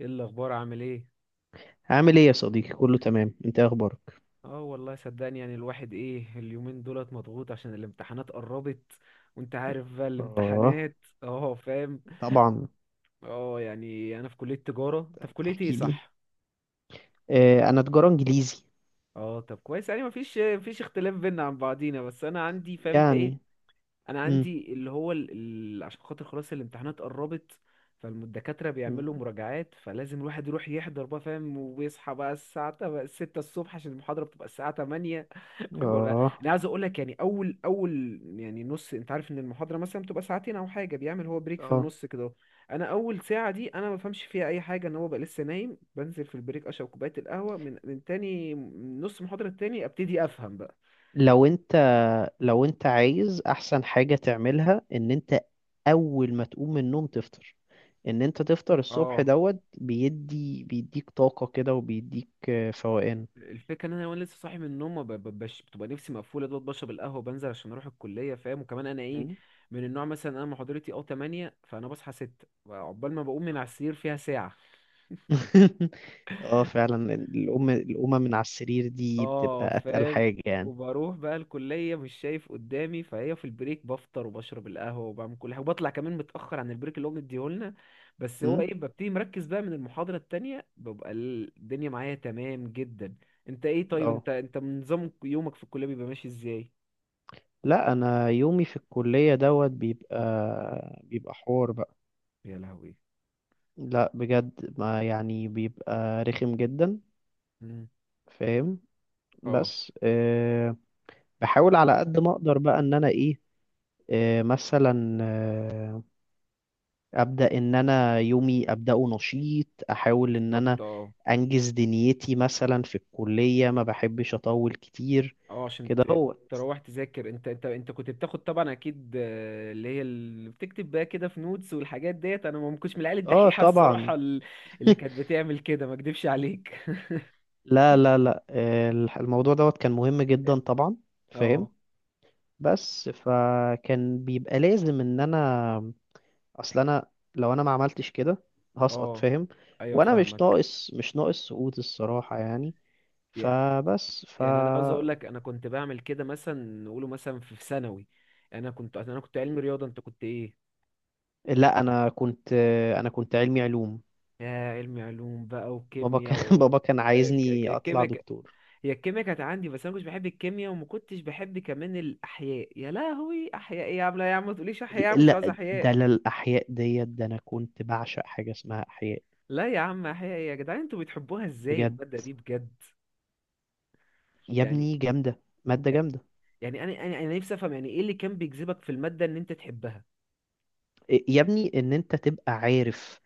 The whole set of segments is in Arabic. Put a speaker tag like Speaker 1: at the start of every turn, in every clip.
Speaker 1: ايه الاخبار؟ عامل ايه؟
Speaker 2: عامل ايه يا صديقي، كله تمام، انت إيه اخبارك؟
Speaker 1: اه، والله صدقني، يعني الواحد ايه اليومين دولت مضغوط عشان الامتحانات قربت، وانت عارف بقى
Speaker 2: اه،
Speaker 1: الامتحانات. اه فاهم.
Speaker 2: طبعا.
Speaker 1: اه يعني انا في كلية تجارة، انت في كلية ايه؟
Speaker 2: احكي لي.
Speaker 1: صح.
Speaker 2: آه، انا تجارة انجليزي.
Speaker 1: اه طب كويس. يعني مفيش اختلاف بينا عن بعضينا. بس انا عندي، فهمت ايه،
Speaker 2: يعني.
Speaker 1: انا
Speaker 2: امم
Speaker 1: عندي اللي هو عشان خاطر خلاص الامتحانات قربت. فالدكاترة بيعملوا مراجعات، فلازم الواحد يروح يحضر بقى فاهم. وبيصحى بقى الساعة ستة الصبح عشان المحاضرة بتبقى الساعة تمانية. فبقول
Speaker 2: اه.
Speaker 1: أنا عايز أقول لك، يعني أول يعني نص، أنت عارف إن المحاضرة مثلا بتبقى ساعتين أو حاجة، بيعمل هو بريك في
Speaker 2: اه،
Speaker 1: النص كده أهو. أنا أول ساعة دي أنا ما بفهمش فيها أي حاجة، إن هو بقى لسه نايم. بنزل في البريك أشرب كوباية القهوة، من تاني من نص المحاضرة التاني أبتدي أفهم بقى.
Speaker 2: لو انت لو انت عايز احسن حاجة تعملها ان انت اول ما تقوم من النوم تفطر. ان انت تفطر الصبح
Speaker 1: اه
Speaker 2: دوت بيديك طاقة كده، وبيديك فوقان.
Speaker 1: الفكره ان انا وانا لسه صاحي من النوم، ما ب- ب- بش... بتبقى نفسي مقفوله دوت، بشرب القهوه، بنزل عشان اروح الكليه فاهم. وكمان انا ايه،
Speaker 2: مم.
Speaker 1: من النوع مثلا انا محاضرتي اه 8، فانا بصحى 6، عقبال ما بقوم من على السرير فيها ساعه.
Speaker 2: اه، فعلا القومة من على السرير دي
Speaker 1: اه
Speaker 2: بتبقى اتقل
Speaker 1: فاهم.
Speaker 2: حاجة يعني.
Speaker 1: وبروح بقى الكلية مش شايف قدامي، فهي في البريك بفطر وبشرب القهوة وبعمل كل حاجة وبطلع كمان متأخر عن البريك اللي هو مديهولنا. بس هو ايه، ببتدي مركز بقى من المحاضرة التانية، ببقى الدنيا معايا تمام جدا. انت ايه طيب، انت
Speaker 2: اه،
Speaker 1: انت من نظام يومك في الكلية بيبقى ماشي ازاي؟
Speaker 2: لا، انا يومي في الكلية دوت بيبقى حوار بقى.
Speaker 1: يا لهوي.
Speaker 2: لا، بجد، ما يعني بيبقى رخم جدا.
Speaker 1: مم.
Speaker 2: فاهم.
Speaker 1: اه.
Speaker 2: بس بحاول على قد ما اقدر بقى ان انا ايه. مثلا ابدا ان انا يومي ابداه نشيط، احاول ان
Speaker 1: بالظبط
Speaker 2: انا
Speaker 1: اه.
Speaker 2: انجز دنيتي مثلا في الكلية، ما بحبش اطول كتير.
Speaker 1: اه عشان
Speaker 2: كده هو.
Speaker 1: تروح تذاكر. انت كنت بتاخد طبعا اكيد، اللي هي اللي بتكتب بقى كده في نوتس والحاجات ديت. انا ما كنتش من العيال
Speaker 2: اه،
Speaker 1: الدحيحه
Speaker 2: طبعا.
Speaker 1: الصراحه اللي كانت بتعمل كده، ما اكدبش عليك.
Speaker 2: لا لا لا، الموضوع دوت كان مهم جدا طبعا. فاهم.
Speaker 1: اه.
Speaker 2: بس فكان بيبقى لازم ان انا، اصل انا، لو انا ما عملتش كده هسقط.
Speaker 1: اه
Speaker 2: فاهم.
Speaker 1: ايوه
Speaker 2: وانا مش
Speaker 1: فاهمك.
Speaker 2: ناقص، سقوط الصراحة يعني.
Speaker 1: ي-
Speaker 2: فبس ف.
Speaker 1: يعني انا عاوز اقول لك انا كنت بعمل كده مثلا. نقوله مثلا في ثانوي. انا كنت علمي رياضه، انت كنت ايه؟
Speaker 2: لا، انا كنت علمي علوم.
Speaker 1: يا علمي علوم بقى،
Speaker 2: بابا
Speaker 1: وكيمياء
Speaker 2: كان بابا كان عايزني اطلع
Speaker 1: كيمياء.
Speaker 2: دكتور.
Speaker 1: هي الكيمياء كانت عندي، بس انا مش بحب الكيمياء وما كنتش بحب كمان الاحياء. يا لهوي، احياء ايه يا عم؟ لا يا عم ما تقوليش احياء، مش عايز
Speaker 2: لا، ده
Speaker 1: احياء.
Speaker 2: للاحياء ديت، ده انا كنت بعشق حاجة اسمها احياء.
Speaker 1: لا يا عم، احياء ايه يا جدعان؟ انتوا بتحبوها ازاي
Speaker 2: بجد.
Speaker 1: الماده دي بجد؟
Speaker 2: يا
Speaker 1: يعني،
Speaker 2: ابني جامدة، مادة جامدة.
Speaker 1: يعني انا نفسي افهم يعني ايه اللي كان بيجذبك في الماده ان انت تحبها.
Speaker 2: يا ابني، ان انت تبقى عارف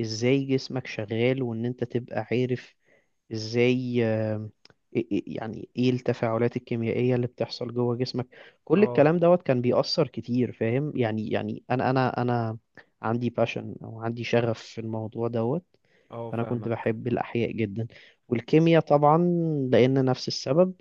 Speaker 2: ازاي جسمك شغال، وان انت تبقى عارف ازاي، يعني ايه التفاعلات الكيميائية اللي بتحصل جوه جسمك. كل
Speaker 1: اه.
Speaker 2: الكلام دوت كان بيأثر كتير، فاهم يعني انا عندي باشن، او عندي شغف في الموضوع دوت.
Speaker 1: اه
Speaker 2: فانا كنت
Speaker 1: فاهمك.
Speaker 2: بحب الاحياء جدا، والكيمياء طبعا، لان نفس السبب.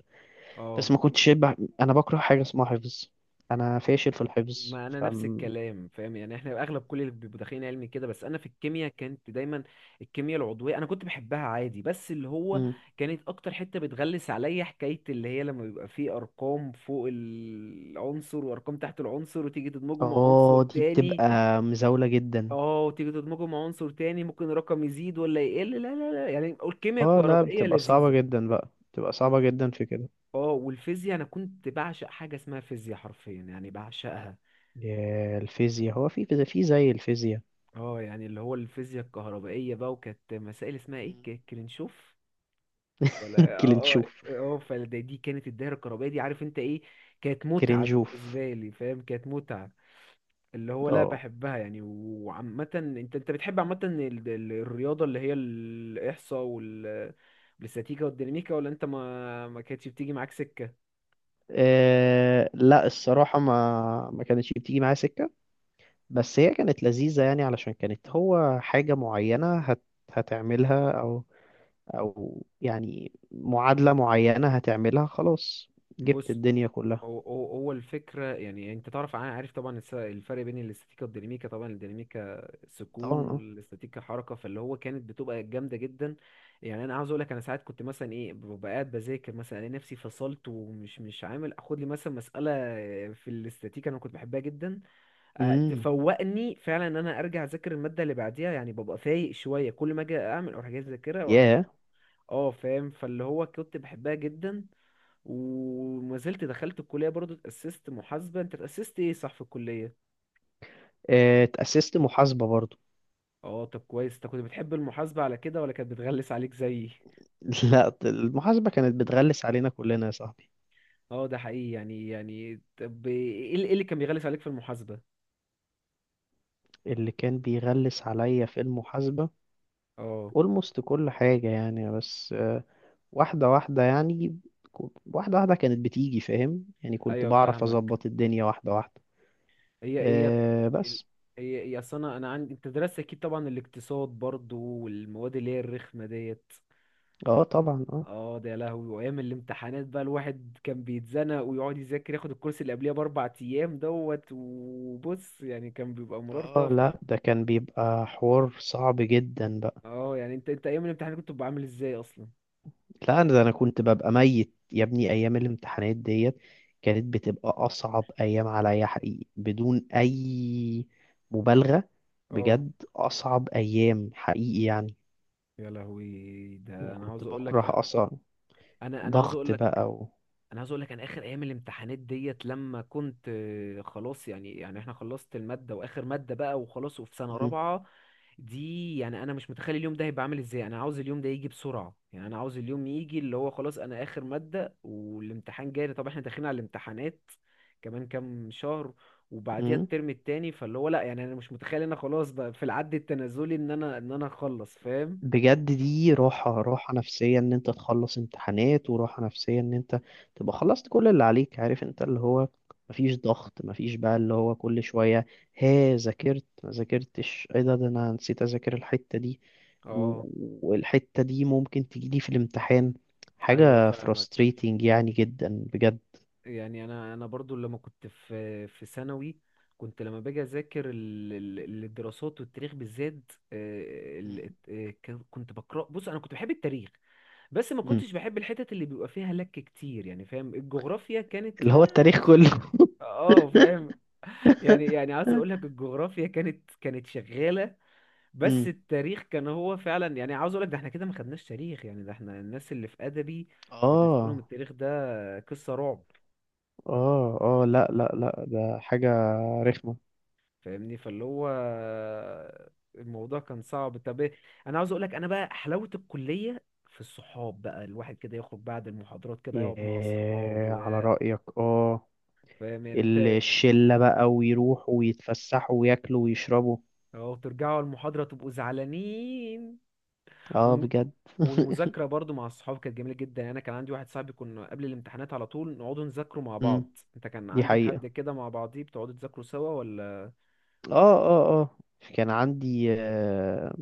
Speaker 1: اه
Speaker 2: بس ما كنتش بح... انا بكره حاجة اسمها حفظ. انا فاشل في الحفظ
Speaker 1: ما انا
Speaker 2: ف.
Speaker 1: نفس الكلام فاهم، يعني احنا اغلب كل اللي بيبقوا داخلين علمي كده. بس انا في الكيمياء كانت دايما الكيمياء العضويه انا كنت بحبها عادي، بس اللي هو كانت اكتر حته بتغلس عليا حكايه اللي هي لما بيبقى فيه ارقام فوق العنصر وارقام تحت العنصر وتيجي تدمجه مع عنصر
Speaker 2: اه، دي
Speaker 1: تاني.
Speaker 2: بتبقى مزاولة جدا.
Speaker 1: اه، وتيجي تدمجه مع عنصر تاني ممكن الرقم يزيد ولا يقل. لا لا لا، يعني الكيمياء
Speaker 2: اه، لا،
Speaker 1: الكهربائيه
Speaker 2: بتبقى صعبة
Speaker 1: لذيذه.
Speaker 2: جدا بقى، بتبقى صعبة جدا في كده.
Speaker 1: اه، والفيزياء انا كنت بعشق حاجه اسمها فيزياء، حرفيا يعني بعشقها.
Speaker 2: يا الفيزياء، هو في فيزياء، في زي الفيزياء.
Speaker 1: اه، يعني اللي هو الفيزياء الكهربائية بقى، وكانت مسائل اسمها ايه،
Speaker 2: مم.
Speaker 1: كرنشوف. ولا اه اه
Speaker 2: كلينشوف.
Speaker 1: اه، فدي كانت الدايرة الكهربائية دي، عارف انت ايه، كانت متعة
Speaker 2: كلينشوف.
Speaker 1: بالنسبة لي فاهم، كانت متعة. اللي هو لا
Speaker 2: اه.
Speaker 1: بحبها يعني. وعامة انت بتحب عامة الرياضة اللي هي الإحصاء والاستاتيكا والديناميكا، ولا انت ما كانتش بتيجي معاك سكة؟
Speaker 2: لا، الصراحة ما كانتش بتيجي معايا سكة. بس هي كانت لذيذة يعني، علشان كانت هو حاجة معينة هتعملها أو. يعني معادلة معينة هتعملها، خلاص جبت
Speaker 1: بص،
Speaker 2: الدنيا كلها.
Speaker 1: هو الفكرة، يعني انت تعرف، عارف طبعا الفرق بين الاستاتيكا والديناميكا. طبعا الديناميكا
Speaker 2: طبعا،
Speaker 1: سكون
Speaker 2: اه.
Speaker 1: والاستاتيكا حركة، فاللي هو كانت بتبقى جامدة جدا. يعني انا عاوز اقول لك، انا ساعات كنت مثلا ايه ببقى قاعد بذاكر، مثلا الاقي نفسي فصلت، ومش مش عامل اخد لي مثلا مسألة في الاستاتيكا انا كنت بحبها جدا.
Speaker 2: امم.
Speaker 1: تفوقني فعلا ان انا ارجع اذاكر المادة اللي بعديها. يعني ببقى فايق شوية كل ما اجي اعمل اروح جاي اذاكرها اه فاهم، فاللي هو كنت بحبها جدا وما زلت. دخلت الكلية برضو اتأسست محاسبة، انت اتأسست ايه؟ صح، في الكلية.
Speaker 2: آه، اتأسست محاسبة برضو.
Speaker 1: اه طب كويس، انت كنت بتحب المحاسبة على كده ولا كانت بتغلس عليك زيي؟
Speaker 2: لا، المحاسبة كانت بتغلس علينا كلنا يا صاحبي.
Speaker 1: اه ده حقيقي. يعني طب ايه اللي، إيه اللي كان بيغلس عليك في المحاسبة؟
Speaker 2: اللي كان بيغلس عليا في المحاسبة
Speaker 1: اه.
Speaker 2: almost كل حاجة يعني. بس واحدة واحدة يعني. واحدة واحدة كانت بتيجي، فاهم يعني، كنت
Speaker 1: ايوه
Speaker 2: بعرف
Speaker 1: فاهمك.
Speaker 2: أظبط الدنيا واحدة واحدة.
Speaker 1: هي ايه
Speaker 2: أه
Speaker 1: ال-
Speaker 2: بس.
Speaker 1: هي اصل انا عندي، انت درست اكيد طبعا الاقتصاد برضو والمواد اللي هي الرخمة ديت.
Speaker 2: اه، طبعا. اه
Speaker 1: اه ده يا لهوي، وايام الامتحانات بقى الواحد كان بيتزنق ويقعد يذاكر، ياخد الكورس اللي قبليها باربع ايام دوت. وبص يعني كان بيبقى مرار
Speaker 2: اه،
Speaker 1: طافح.
Speaker 2: لا، ده كان بيبقى حوار صعب جدا بقى.
Speaker 1: اه يعني انت ايام الامتحان كنت بتبقى عامل ازاي اصلا؟
Speaker 2: لا، انا ده انا كنت ببقى ميت يا ابني، ايام الامتحانات ديت كانت بتبقى اصعب ايام عليا حقيقي، بدون اي مبالغه.
Speaker 1: اه
Speaker 2: بجد اصعب ايام حقيقي يعني.
Speaker 1: يا لهوي. ده
Speaker 2: أنا
Speaker 1: انا
Speaker 2: كنت
Speaker 1: عاوز اقول
Speaker 2: بكره
Speaker 1: لك،
Speaker 2: اصلا
Speaker 1: انا انا عاوز اقول
Speaker 2: ضغط
Speaker 1: لك
Speaker 2: بقى و...
Speaker 1: انا عاوز اقول لك انا اخر ايام الامتحانات ديت لما كنت خلاص. يعني احنا خلصت الماده واخر ماده بقى، وخلاص وفي سنه
Speaker 2: مم.
Speaker 1: رابعه دي. يعني انا مش متخيل اليوم ده هيبقى عامل ازاي. انا عاوز اليوم ده يجي بسرعه، يعني انا عاوز اليوم يجي اللي هو خلاص انا اخر ماده والامتحان جاي. طب احنا داخلين على الامتحانات كمان كام شهر، وبعديها
Speaker 2: مم.
Speaker 1: الترم التاني، فاللي هو لا، يعني انا مش متخيل ان انا خلاص بقى في العد التنازلي ان انا، اخلص فاهم.
Speaker 2: بجد، دي راحة، نفسية ان انت تخلص امتحانات، وراحة نفسية ان انت تبقى خلصت كل اللي عليك، عارف انت اللي هو مفيش ضغط، مفيش بقى اللي هو كل شوية، ها ذاكرت ما ذاكرتش، ايه ده انا نسيت اذاكر الحتة دي،
Speaker 1: اه.
Speaker 2: و- والحتة دي ممكن تجيلي في الامتحان.
Speaker 1: ايوه
Speaker 2: حاجة
Speaker 1: فاهمك.
Speaker 2: frustrating يعني جدا. بجد.
Speaker 1: يعني انا برضو لما كنت في ثانوي، كنت لما باجي اذاكر الدراسات والتاريخ بالذات،
Speaker 2: مم.
Speaker 1: كنت بقرا، بص انا كنت بحب التاريخ. بس ما
Speaker 2: مم.
Speaker 1: كنتش بحب الحتت اللي بيبقى فيها لك كتير يعني فاهم. الجغرافيا كانت
Speaker 2: اللي هو التاريخ كله.
Speaker 1: اه فاهم. يعني عاوز اقول لك الجغرافيا كانت شغاله. بس
Speaker 2: مم.
Speaker 1: التاريخ كان هو فعلا، يعني عاوز اقول لك ده احنا كده ما خدناش تاريخ يعني، ده احنا الناس اللي في ادبي بالنسبه لهم
Speaker 2: اه
Speaker 1: التاريخ ده قصه رعب
Speaker 2: اه اه، لا لا لا، ده حاجة رخمة.
Speaker 1: فاهمني. فاللي هو الموضوع كان صعب. طب إيه؟ انا عاوز اقول لك انا بقى حلاوه الكليه في الصحاب بقى، الواحد كده يخرج بعد المحاضرات كده يقعد مع
Speaker 2: ياه،
Speaker 1: اصحابه
Speaker 2: على رأيك اه،
Speaker 1: فاهم، يعني انت
Speaker 2: الشلة بقى، ويروحوا ويتفسحوا وياكلوا ويشربوا.
Speaker 1: أو ترجعوا المحاضرة تبقوا زعلانين
Speaker 2: اه،
Speaker 1: و...
Speaker 2: بجد.
Speaker 1: والمذاكرة برضو مع الصحاب كانت جميلة جدا. يعني أنا كان عندي واحد صاحبي كنا قبل الامتحانات على طول نقعدوا نذاكروا مع
Speaker 2: مم،
Speaker 1: بعض. أنت كان
Speaker 2: دي
Speaker 1: عندك حد
Speaker 2: حقيقة.
Speaker 1: كده مع بعضيه بتقعدوا تذاكروا سوا ولا؟
Speaker 2: اه اه اه. كان عندي آه،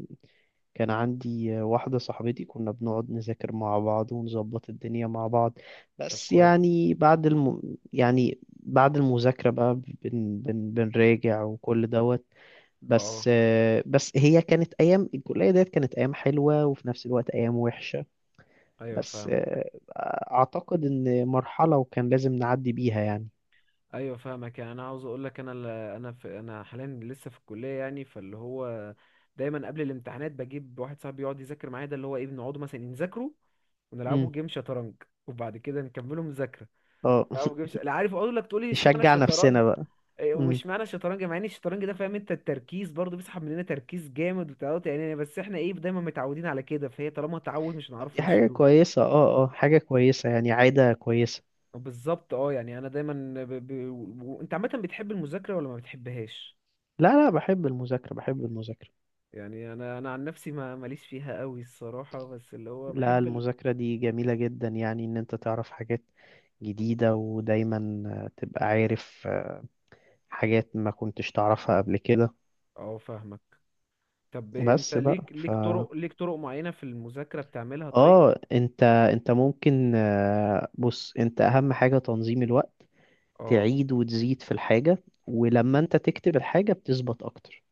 Speaker 2: كان عندي واحدة صاحبتي كنا بنقعد نذاكر مع بعض ونظبط الدنيا مع بعض.
Speaker 1: طب
Speaker 2: بس
Speaker 1: كويس.
Speaker 2: يعني بعد يعني بعد المذاكرة بقى بنراجع وكل دوت. بس
Speaker 1: اه
Speaker 2: آه، بس هي كانت أيام الكلية ديت، كانت أيام حلوة وفي نفس الوقت أيام وحشة.
Speaker 1: أيوه
Speaker 2: بس
Speaker 1: فاهمك.
Speaker 2: اعتقد ان مرحلة وكان لازم نعدي بيها يعني.
Speaker 1: أيوه فاهمك. يعني أنا عاوز أقول لك أنا، أنا حاليا لسه في الكلية، يعني فاللي هو دايما قبل الامتحانات بجيب واحد صاحبي يقعد يذاكر معايا. ده اللي هو إيه، بنقعدوا مثلا نذاكروا ونلعبوا
Speaker 2: امم.
Speaker 1: جيم شطرنج وبعد كده نكملوا مذاكرة.
Speaker 2: اه.
Speaker 1: لا ما بجيبش. لا عارف اقول لك تقول لي اشمعنى
Speaker 2: نشجع
Speaker 1: الشطرنج.
Speaker 2: نفسنا بقى.
Speaker 1: إيه،
Speaker 2: امم.
Speaker 1: واشمعنى الشطرنج مع ان الشطرنج ده فاهم انت التركيز برضه بيسحب مننا تركيز جامد وتعود، يعني بس احنا ايه دايما متعودين على كده، فهي طالما تعود مش
Speaker 2: طب، دي
Speaker 1: هنعرفه
Speaker 2: حاجة
Speaker 1: نشيلوه.
Speaker 2: كويسة، اه اه، حاجة كويسة يعني، عادة كويسة.
Speaker 1: بالظبط اه. يعني انا دايما انت عامه بتحب المذاكره ولا ما بتحبهاش؟
Speaker 2: لا لا، بحب المذاكرة، بحب المذاكرة.
Speaker 1: يعني انا عن نفسي ما ماليش فيها قوي الصراحه، بس اللي هو
Speaker 2: لا،
Speaker 1: بحب
Speaker 2: المذاكرة دي جميلة جدا يعني، ان انت تعرف حاجات جديدة، ودايما تبقى عارف حاجات ما كنتش تعرفها قبل كده.
Speaker 1: اه فاهمك. طب انت
Speaker 2: بس بقى ف.
Speaker 1: ليك طرق معينه في المذاكره بتعملها؟ طيب.
Speaker 2: اه، انت ممكن، بص، انت اهم حاجة تنظيم الوقت،
Speaker 1: اه
Speaker 2: تعيد وتزيد في الحاجة، ولما انت تكتب الحاجة بتثبت اكتر.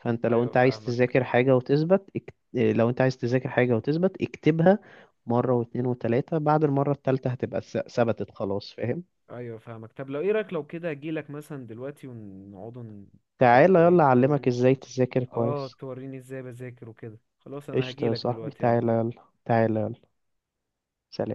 Speaker 2: فانت لو
Speaker 1: ايوه
Speaker 2: انت عايز
Speaker 1: فاهمك.
Speaker 2: تذاكر حاجة وتثبت لو انت عايز تذاكر حاجة وتثبت اكتبها مرة واتنين وتلاتة، بعد المرة التالتة هتبقى ثبتت خلاص، فاهم.
Speaker 1: ايوه فاهمك. طب لو ايه رايك لو كده اجيلك مثلا دلوقتي ونقعدوا
Speaker 2: تعالى
Speaker 1: توري
Speaker 2: يلا اعلمك
Speaker 1: توري.
Speaker 2: ازاي تذاكر
Speaker 1: اه
Speaker 2: كويس.
Speaker 1: توريني ازاي بذاكر وكده. خلاص انا
Speaker 2: قشطة يا
Speaker 1: هجيلك
Speaker 2: صاحبي،
Speaker 1: دلوقتي
Speaker 2: تعالى
Speaker 1: اهو.
Speaker 2: يلا تعالى يلا. سلام.